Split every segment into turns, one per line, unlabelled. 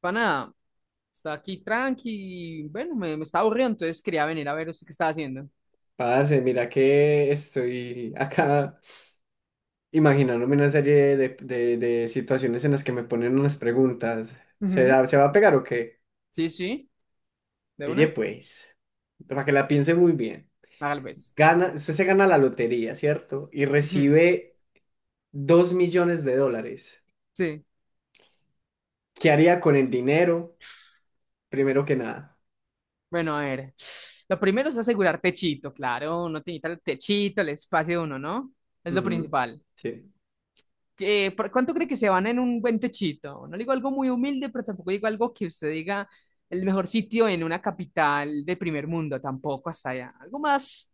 Pana, está aquí tranqui. Bueno, me estaba aburrido, entonces quería venir a ver usted qué está haciendo.
Parce, mira que estoy acá imaginándome una serie de situaciones en las que me ponen unas preguntas. ¿Se,
Ujú.
da- se va a pegar o qué?
Sí, sí, de
Pille
una.
pues, para que la piense muy bien.
Tal vez.
Gana, usted se gana la lotería, ¿cierto? Y
Ujú.
recibe 2 millones de dólares.
Sí.
¿Qué haría con el dinero? Primero que nada.
Bueno, a ver. Lo primero es asegurar techito, claro. Uno tiene que el techito, el espacio de uno, ¿no? Es lo
Ujú,
principal.
sí.
¿Por cuánto cree que se van en un buen techito? No digo algo muy humilde, pero tampoco digo algo que usted diga el mejor sitio en una capital de primer mundo, tampoco hasta allá. Algo más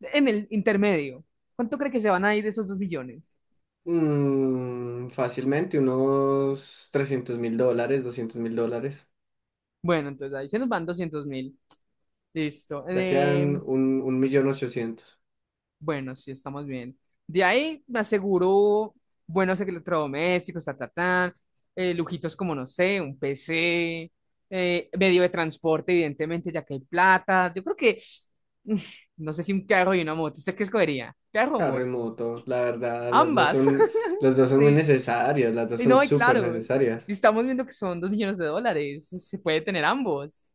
en el intermedio. ¿Cuánto cree que se van a ir de esos 2 millones?
Fácilmente unos 300.000 dólares, 200.000 dólares.
Bueno, entonces ahí se nos van 200 mil. Listo.
Ya quedan un millón ochocientos.
Bueno, sí, estamos bien. De ahí me aseguró buenos electrodomésticos, ta, ta, ta, lujitos como, no sé, un PC, medio de transporte, evidentemente, ya que hay plata. Yo creo que, no sé si un carro y una moto. ¿Usted qué escogería? ¿Carro o
Carro y
moto?
moto, la verdad, las dos
Ambas.
son, las dos son muy
Sí.
necesarias, las dos
Y
son
no, y
súper
claro, y
necesarias.
estamos viendo que son 2 millones de dólares. Se puede tener ambos.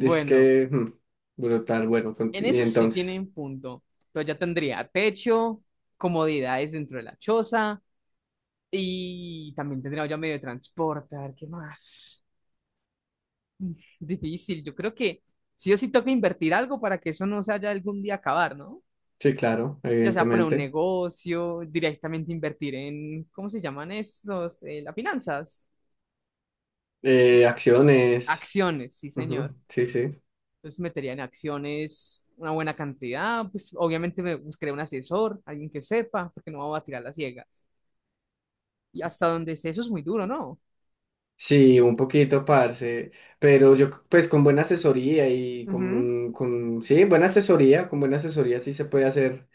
Es que, brutal, bueno,
en
y
eso sí
entonces,
tienen punto. Entonces ya tendría techo, comodidades dentro de la choza, y también tendría ya medio de transporte, a ver qué más. Difícil, yo creo que sí o sí toca invertir algo para que eso no se haya algún día acabar, ¿no?
sí, claro,
Ya sea poner un
evidentemente.
negocio, directamente invertir en, ¿cómo se llaman esos? Las finanzas.
Acciones,
Acciones, sí,
ujú,
señor.
sí, sí.
Entonces metería en acciones una buena cantidad, pues obviamente me buscaré un asesor, alguien que sepa, porque no vamos a tirar las ciegas. Y hasta donde sé, eso es muy duro, ¿no?
Sí, un poquito, parce, pero yo, pues, con buena asesoría y
Ujú.
sí, buena asesoría, con buena asesoría sí se puede hacer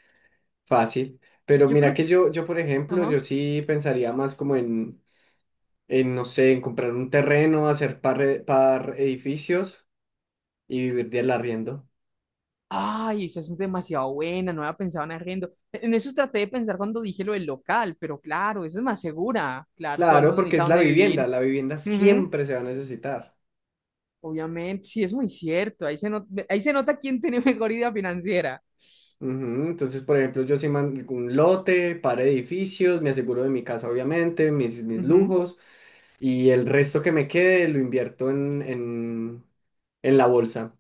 fácil. Pero
Yo
mira
creo,
que por ejemplo, yo
ajá.
sí pensaría más como no sé, en comprar un terreno, hacer par edificios y vivir del arriendo.
Ay, esa es demasiado buena, no había pensado en arriendo. E, en eso traté de pensar cuando dije lo del local, pero claro, eso es más segura. Claro, todo el
Claro,
mundo
porque
necesita
es
donde vivir.
la vivienda
Ujú.
siempre se va a necesitar.
Obviamente, sí, es muy cierto. Ahí se nota quién tiene mejor idea financiera.
Ujú. Entonces, por ejemplo, yo sí un lote, par edificios, me aseguro de mi casa, obviamente, mis
Ujú.
lujos, y el resto que me quede lo invierto en, en la bolsa,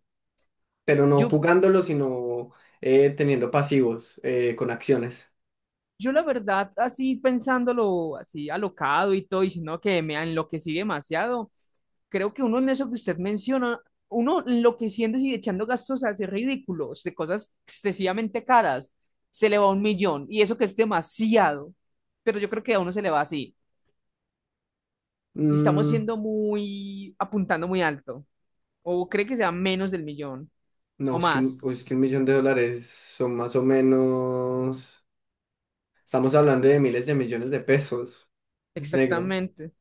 pero no
Yo
jugándolo, sino teniendo pasivos, con acciones.
Yo la verdad, así pensándolo, así alocado y todo, y sino que me enloquecí demasiado, creo que uno en eso que usted menciona, uno enloqueciendo y echando gastos así ridículos, de cosas excesivamente caras, se le va 1 millón, y eso que es demasiado, pero yo creo que a uno se le va así, y estamos
Mm,
siendo muy, apuntando muy alto, o cree que sea menos del millón, o
No, es que un,
más,
es que un millón de dólares son más o menos. Estamos hablando de miles de millones de pesos, negro.
exactamente,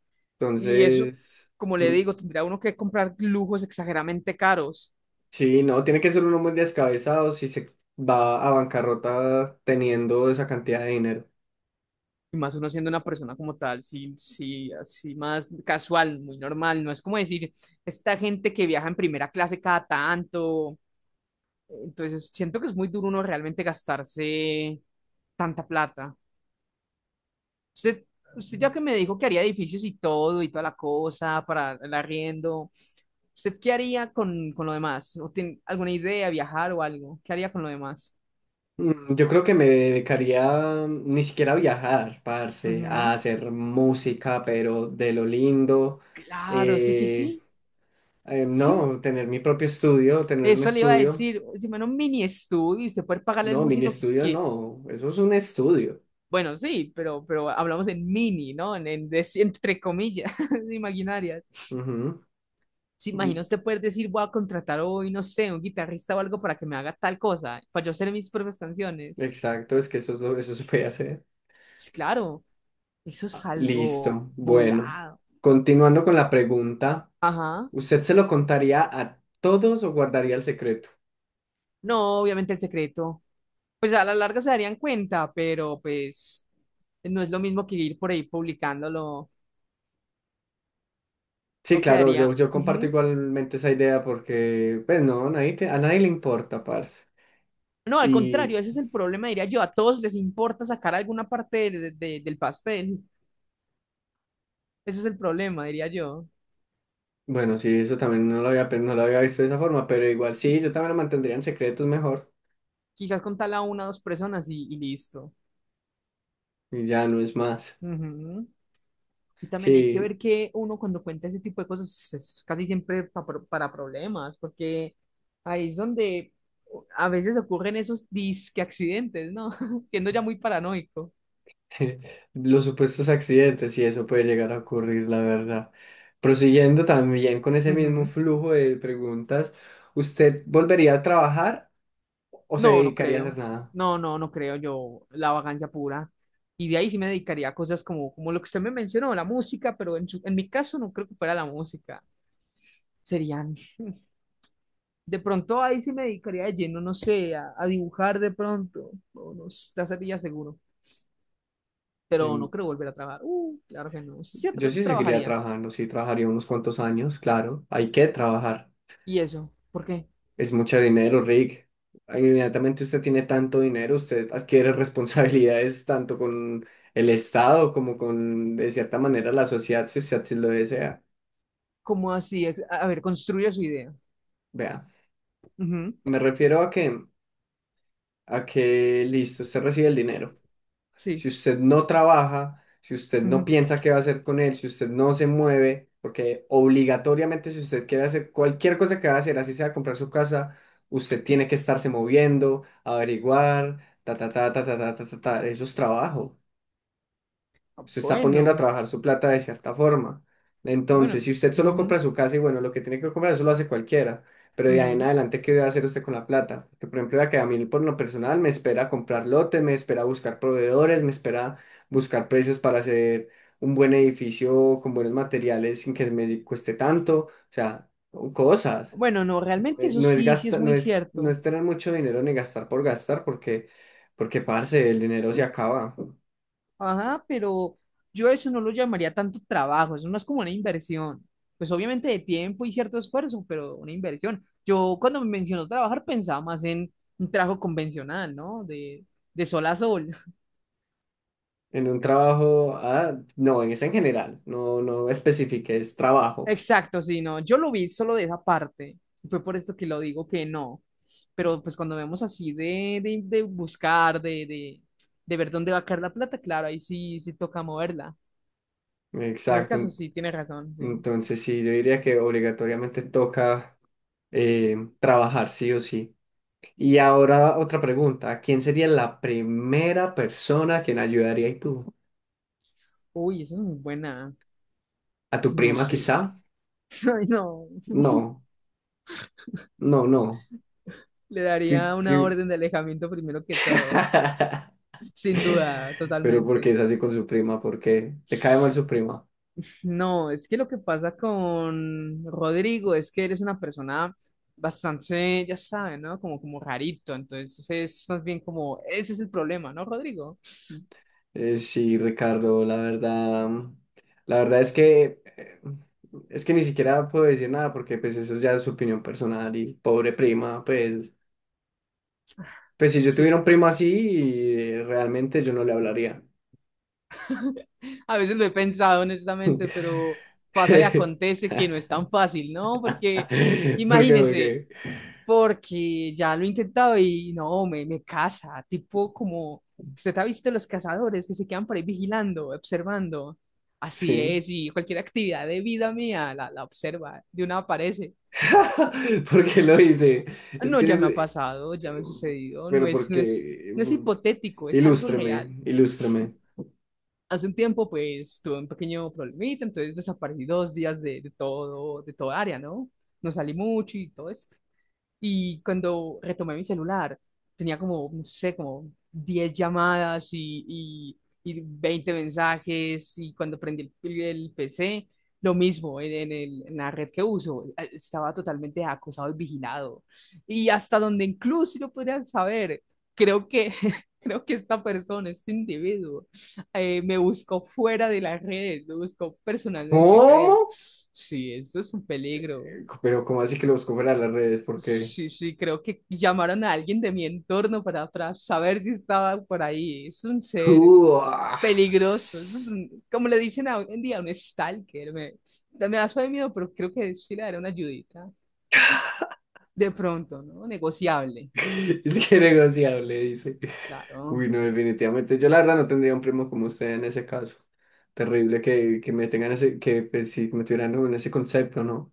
y eso,
Entonces,
como le
mm,
digo, tendría uno que comprar lujos exageradamente caros.
sí, no, tiene que ser uno muy descabezado si se va a bancarrota teniendo esa cantidad de dinero.
Y más uno siendo una persona como tal, sí, sí, así más casual, muy normal. No es como decir, esta gente que viaja en primera clase cada tanto. Entonces, siento que es muy duro uno realmente gastarse tanta plata. Usted, usted ya que me dijo que haría edificios y todo y toda la cosa para el arriendo, ¿usted qué haría con lo demás? ¿O tiene alguna idea, viajar o algo? ¿Qué haría con lo demás?
Yo creo que me dedicaría, ni siquiera a viajar, parce, a
Ujú.
hacer música, pero de lo lindo.
Claro, sí, sí,
Eh,
sí. Sí, sí,
no, tener mi propio estudio, tener un
eso le iba a
estudio.
decir, si en un mini estudio y usted puede pagarle al
No, mini
músico
estudio
que-
no, eso es un estudio.
bueno, sí, pero hablamos en mini, ¿no? En des- entre comillas, imaginarias.
Ujú.
Se
Mm,
imagina usted poder decir, voy a contratar hoy, no sé, un guitarrista o algo para que me haga tal cosa, para yo hacer mis propias canciones.
Exacto, es que eso, eso se puede hacer.
Sí, claro, eso es algo
Listo, bueno.
volado.
Continuando con la pregunta,
Ajá.
¿usted se lo contaría a todos o guardaría el secreto?
No, obviamente el secreto. Pues a la larga se darían cuenta, pero pues no es lo mismo que ir por ahí publicándolo.
Sí,
Uno
claro, yo,
quedaría.
yo comparto
Ujú.
igualmente esa idea porque, pues no, nadie a nadie le importa, parce.
No, al
Y
contrario, ese es el problema, diría yo. A todos les importa sacar alguna parte de- del pastel. Ese es el problema, diría yo.
bueno, sí, eso también no lo había, no lo había visto de esa forma, pero igual sí, yo también lo mantendría en secretos mejor
Quizás contarla a una o dos personas y listo.
y ya no es más.
Ujú. Y también hay que
Sí,
ver que uno cuando cuenta ese tipo de cosas es casi siempre pa- pro- para problemas, porque ahí es donde a veces ocurren esos disque accidentes, ¿no? Siendo ya muy paranoico.
los supuestos accidentes y eso puede llegar a ocurrir, la verdad. Prosiguiendo también con ese mismo
Ujú.
flujo de preguntas, ¿usted volvería a trabajar o se
No, no
dedicaría a
creo.
hacer nada?
No creo yo la vagancia pura. Y de ahí sí me dedicaría a cosas como, como lo que usted me mencionó, la música, pero en, su- en mi caso no creo que fuera la música. Serían. De pronto ahí sí me dedicaría de lleno, no sé, a dibujar de pronto. No, no, ya sería seguro. Pero
Mm,
no creo volver a trabajar. Claro que no. Usted sí
Yo
tra-
sí seguiría
trabajaría.
trabajando, sí trabajaría unos cuantos años, claro, hay que trabajar.
¿Y eso? ¿Por qué?
Es mucho dinero, Rick. Inmediatamente usted tiene tanto dinero, usted adquiere responsabilidades tanto con el Estado como con, de cierta manera, la sociedad, si usted así lo desea.
¿Cómo así? Es- a ver, construya su idea.
Vea,
Ujú.
me refiero a que listo, usted recibe el dinero.
Sí.
Si usted no trabaja, si usted no
Ujú.
piensa qué va a hacer con él, si usted no se mueve, porque obligatoriamente si usted quiere hacer cualquier cosa que va a hacer, así sea comprar su casa, usted tiene que estarse moviendo, averiguar, ta, ta, ta, ta, ta, ta, ta, ta, ta, eso es trabajo.
Ah,
Usted está poniendo a
bueno,
trabajar su plata de cierta forma. Entonces,
bueno.
si usted solo
Ujú,
compra su casa y bueno, lo que tiene que comprar, eso lo hace cualquiera. Pero de ahí en
ujú.
adelante, ¿qué va a hacer usted con la plata? Porque, por ejemplo, ya que a mí por lo personal me espera comprar lotes, me espera buscar proveedores, me espera buscar precios para hacer un buen edificio con buenos materiales sin que me cueste tanto. O sea, cosas.
Bueno, no, realmente eso
No es
sí, sí es
gastar, no
muy
es, no
cierto.
es tener mucho dinero ni gastar por gastar, parce, el dinero se acaba.
Ajá, pero yo eso no lo llamaría tanto trabajo, eso no es como una inversión. Pues obviamente de tiempo y cierto esfuerzo, pero una inversión. Yo cuando me mencionó trabajar pensaba más en un trabajo convencional, ¿no? De sol a sol.
En un trabajo, ah, no, es en general, no, no especifique, es trabajo.
Exacto, sí, no, yo lo vi solo de esa parte. Y fue por esto que lo digo que no. Pero pues cuando vemos así de buscar, de ver dónde va a caer la plata, claro, ahí sí, sí toca moverla. En ese
Exacto.
caso sí, tiene razón, sí.
Entonces sí, yo diría que obligatoriamente toca trabajar sí o sí. Y ahora otra pregunta, ¿quién sería la primera persona a quien ayudaría y tú?
Uy, esa es muy buena.
¿A tu
No
prima
sé.
quizá?
Ay, no.
No, no, no.
Le daría
¿Qué-
una
qué?
orden de alejamiento primero que todo. Sin duda,
¿Pero porque
totalmente.
es así con su prima? ¿Porque te cae mal su prima?
No, es que lo que pasa con Rodrigo es que él es una persona bastante, ya sabe, ¿no? Como, como rarito. Entonces es más bien como, ese es el problema, ¿no, Rodrigo?
Sí, Ricardo, la verdad, la verdad es que ni siquiera puedo decir nada porque pues eso ya es su opinión personal y pobre prima, pues, pues si yo tuviera un
Sí.
primo así, realmente yo no le hablaría.
A veces lo he pensado
¿Por
honestamente, pero pasa y
qué?
acontece que no es tan fácil, ¿no? Porque
¿Por
imagínese.
qué?
Porque ya lo he intentado y no, me casa, tipo como, usted ha visto los cazadores que se quedan por ahí vigilando, observando, así
Sí.
es, y cualquier actividad de vida mía la observa, de una aparece,
¿Por qué lo hice? Es
no,
que
ya
es-
me ha
eh,
pasado, ya me ha sucedido,
pero porque
no es hipotético, es algo real.
ilústreme, ilústreme.
Hace un tiempo, pues, tuve un pequeño problemita, entonces desaparecí 2 días de todo, de toda área, ¿no? No salí mucho y todo esto. Y cuando retomé mi celular, tenía como, no sé, como 10 llamadas y 20 mensajes. Y cuando prendí el PC, lo mismo en el- en la red que uso. Estaba totalmente acosado y vigilado. Y hasta donde incluso yo podría saber, creo que, creo que esta persona, este individuo, me buscó fuera de la red, me buscó personalmente, creo.
¿Cómo?
Sí, eso es un peligro.
Pero ¿cómo así que lo busco fuera de las redes? Porque...
Sí, sí, creo que llamaron a alguien de mi entorno para saber si estaba por ahí. Es un ser
Ah.
peligroso, es un- como le dicen hoy en día, un stalker. Me, no me da suave miedo, pero creo que sí le daré una ayudita. De pronto, ¿no? Negociable,
Es que negociable, dice. Uy,
claro.
no, definitivamente. Yo la verdad no tendría un primo como usted en ese caso. Terrible que me tengan ese, que pues, sí, me tuvieran como en ese concepto, ¿no?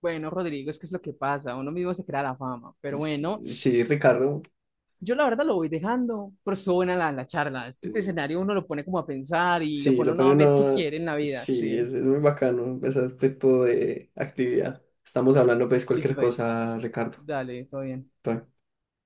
Bueno, Rodrigo, es que es lo que pasa, uno mismo se crea la fama, pero
S-
bueno,
Sí, Ricardo.
yo la verdad lo voy dejando, pero estuvo buena la, la charla. Este
eh,
escenario uno lo pone como a pensar y lo
Sí,
pone
lo
uno
pone
a ver qué
uno.
quiere en la vida,
Sí,
sí.
es muy bacano pues, ese tipo de actividad. Estamos hablando pues
Listo,
cualquier
pues,
cosa, Ricardo.
dale, todo bien.
Tranquilo.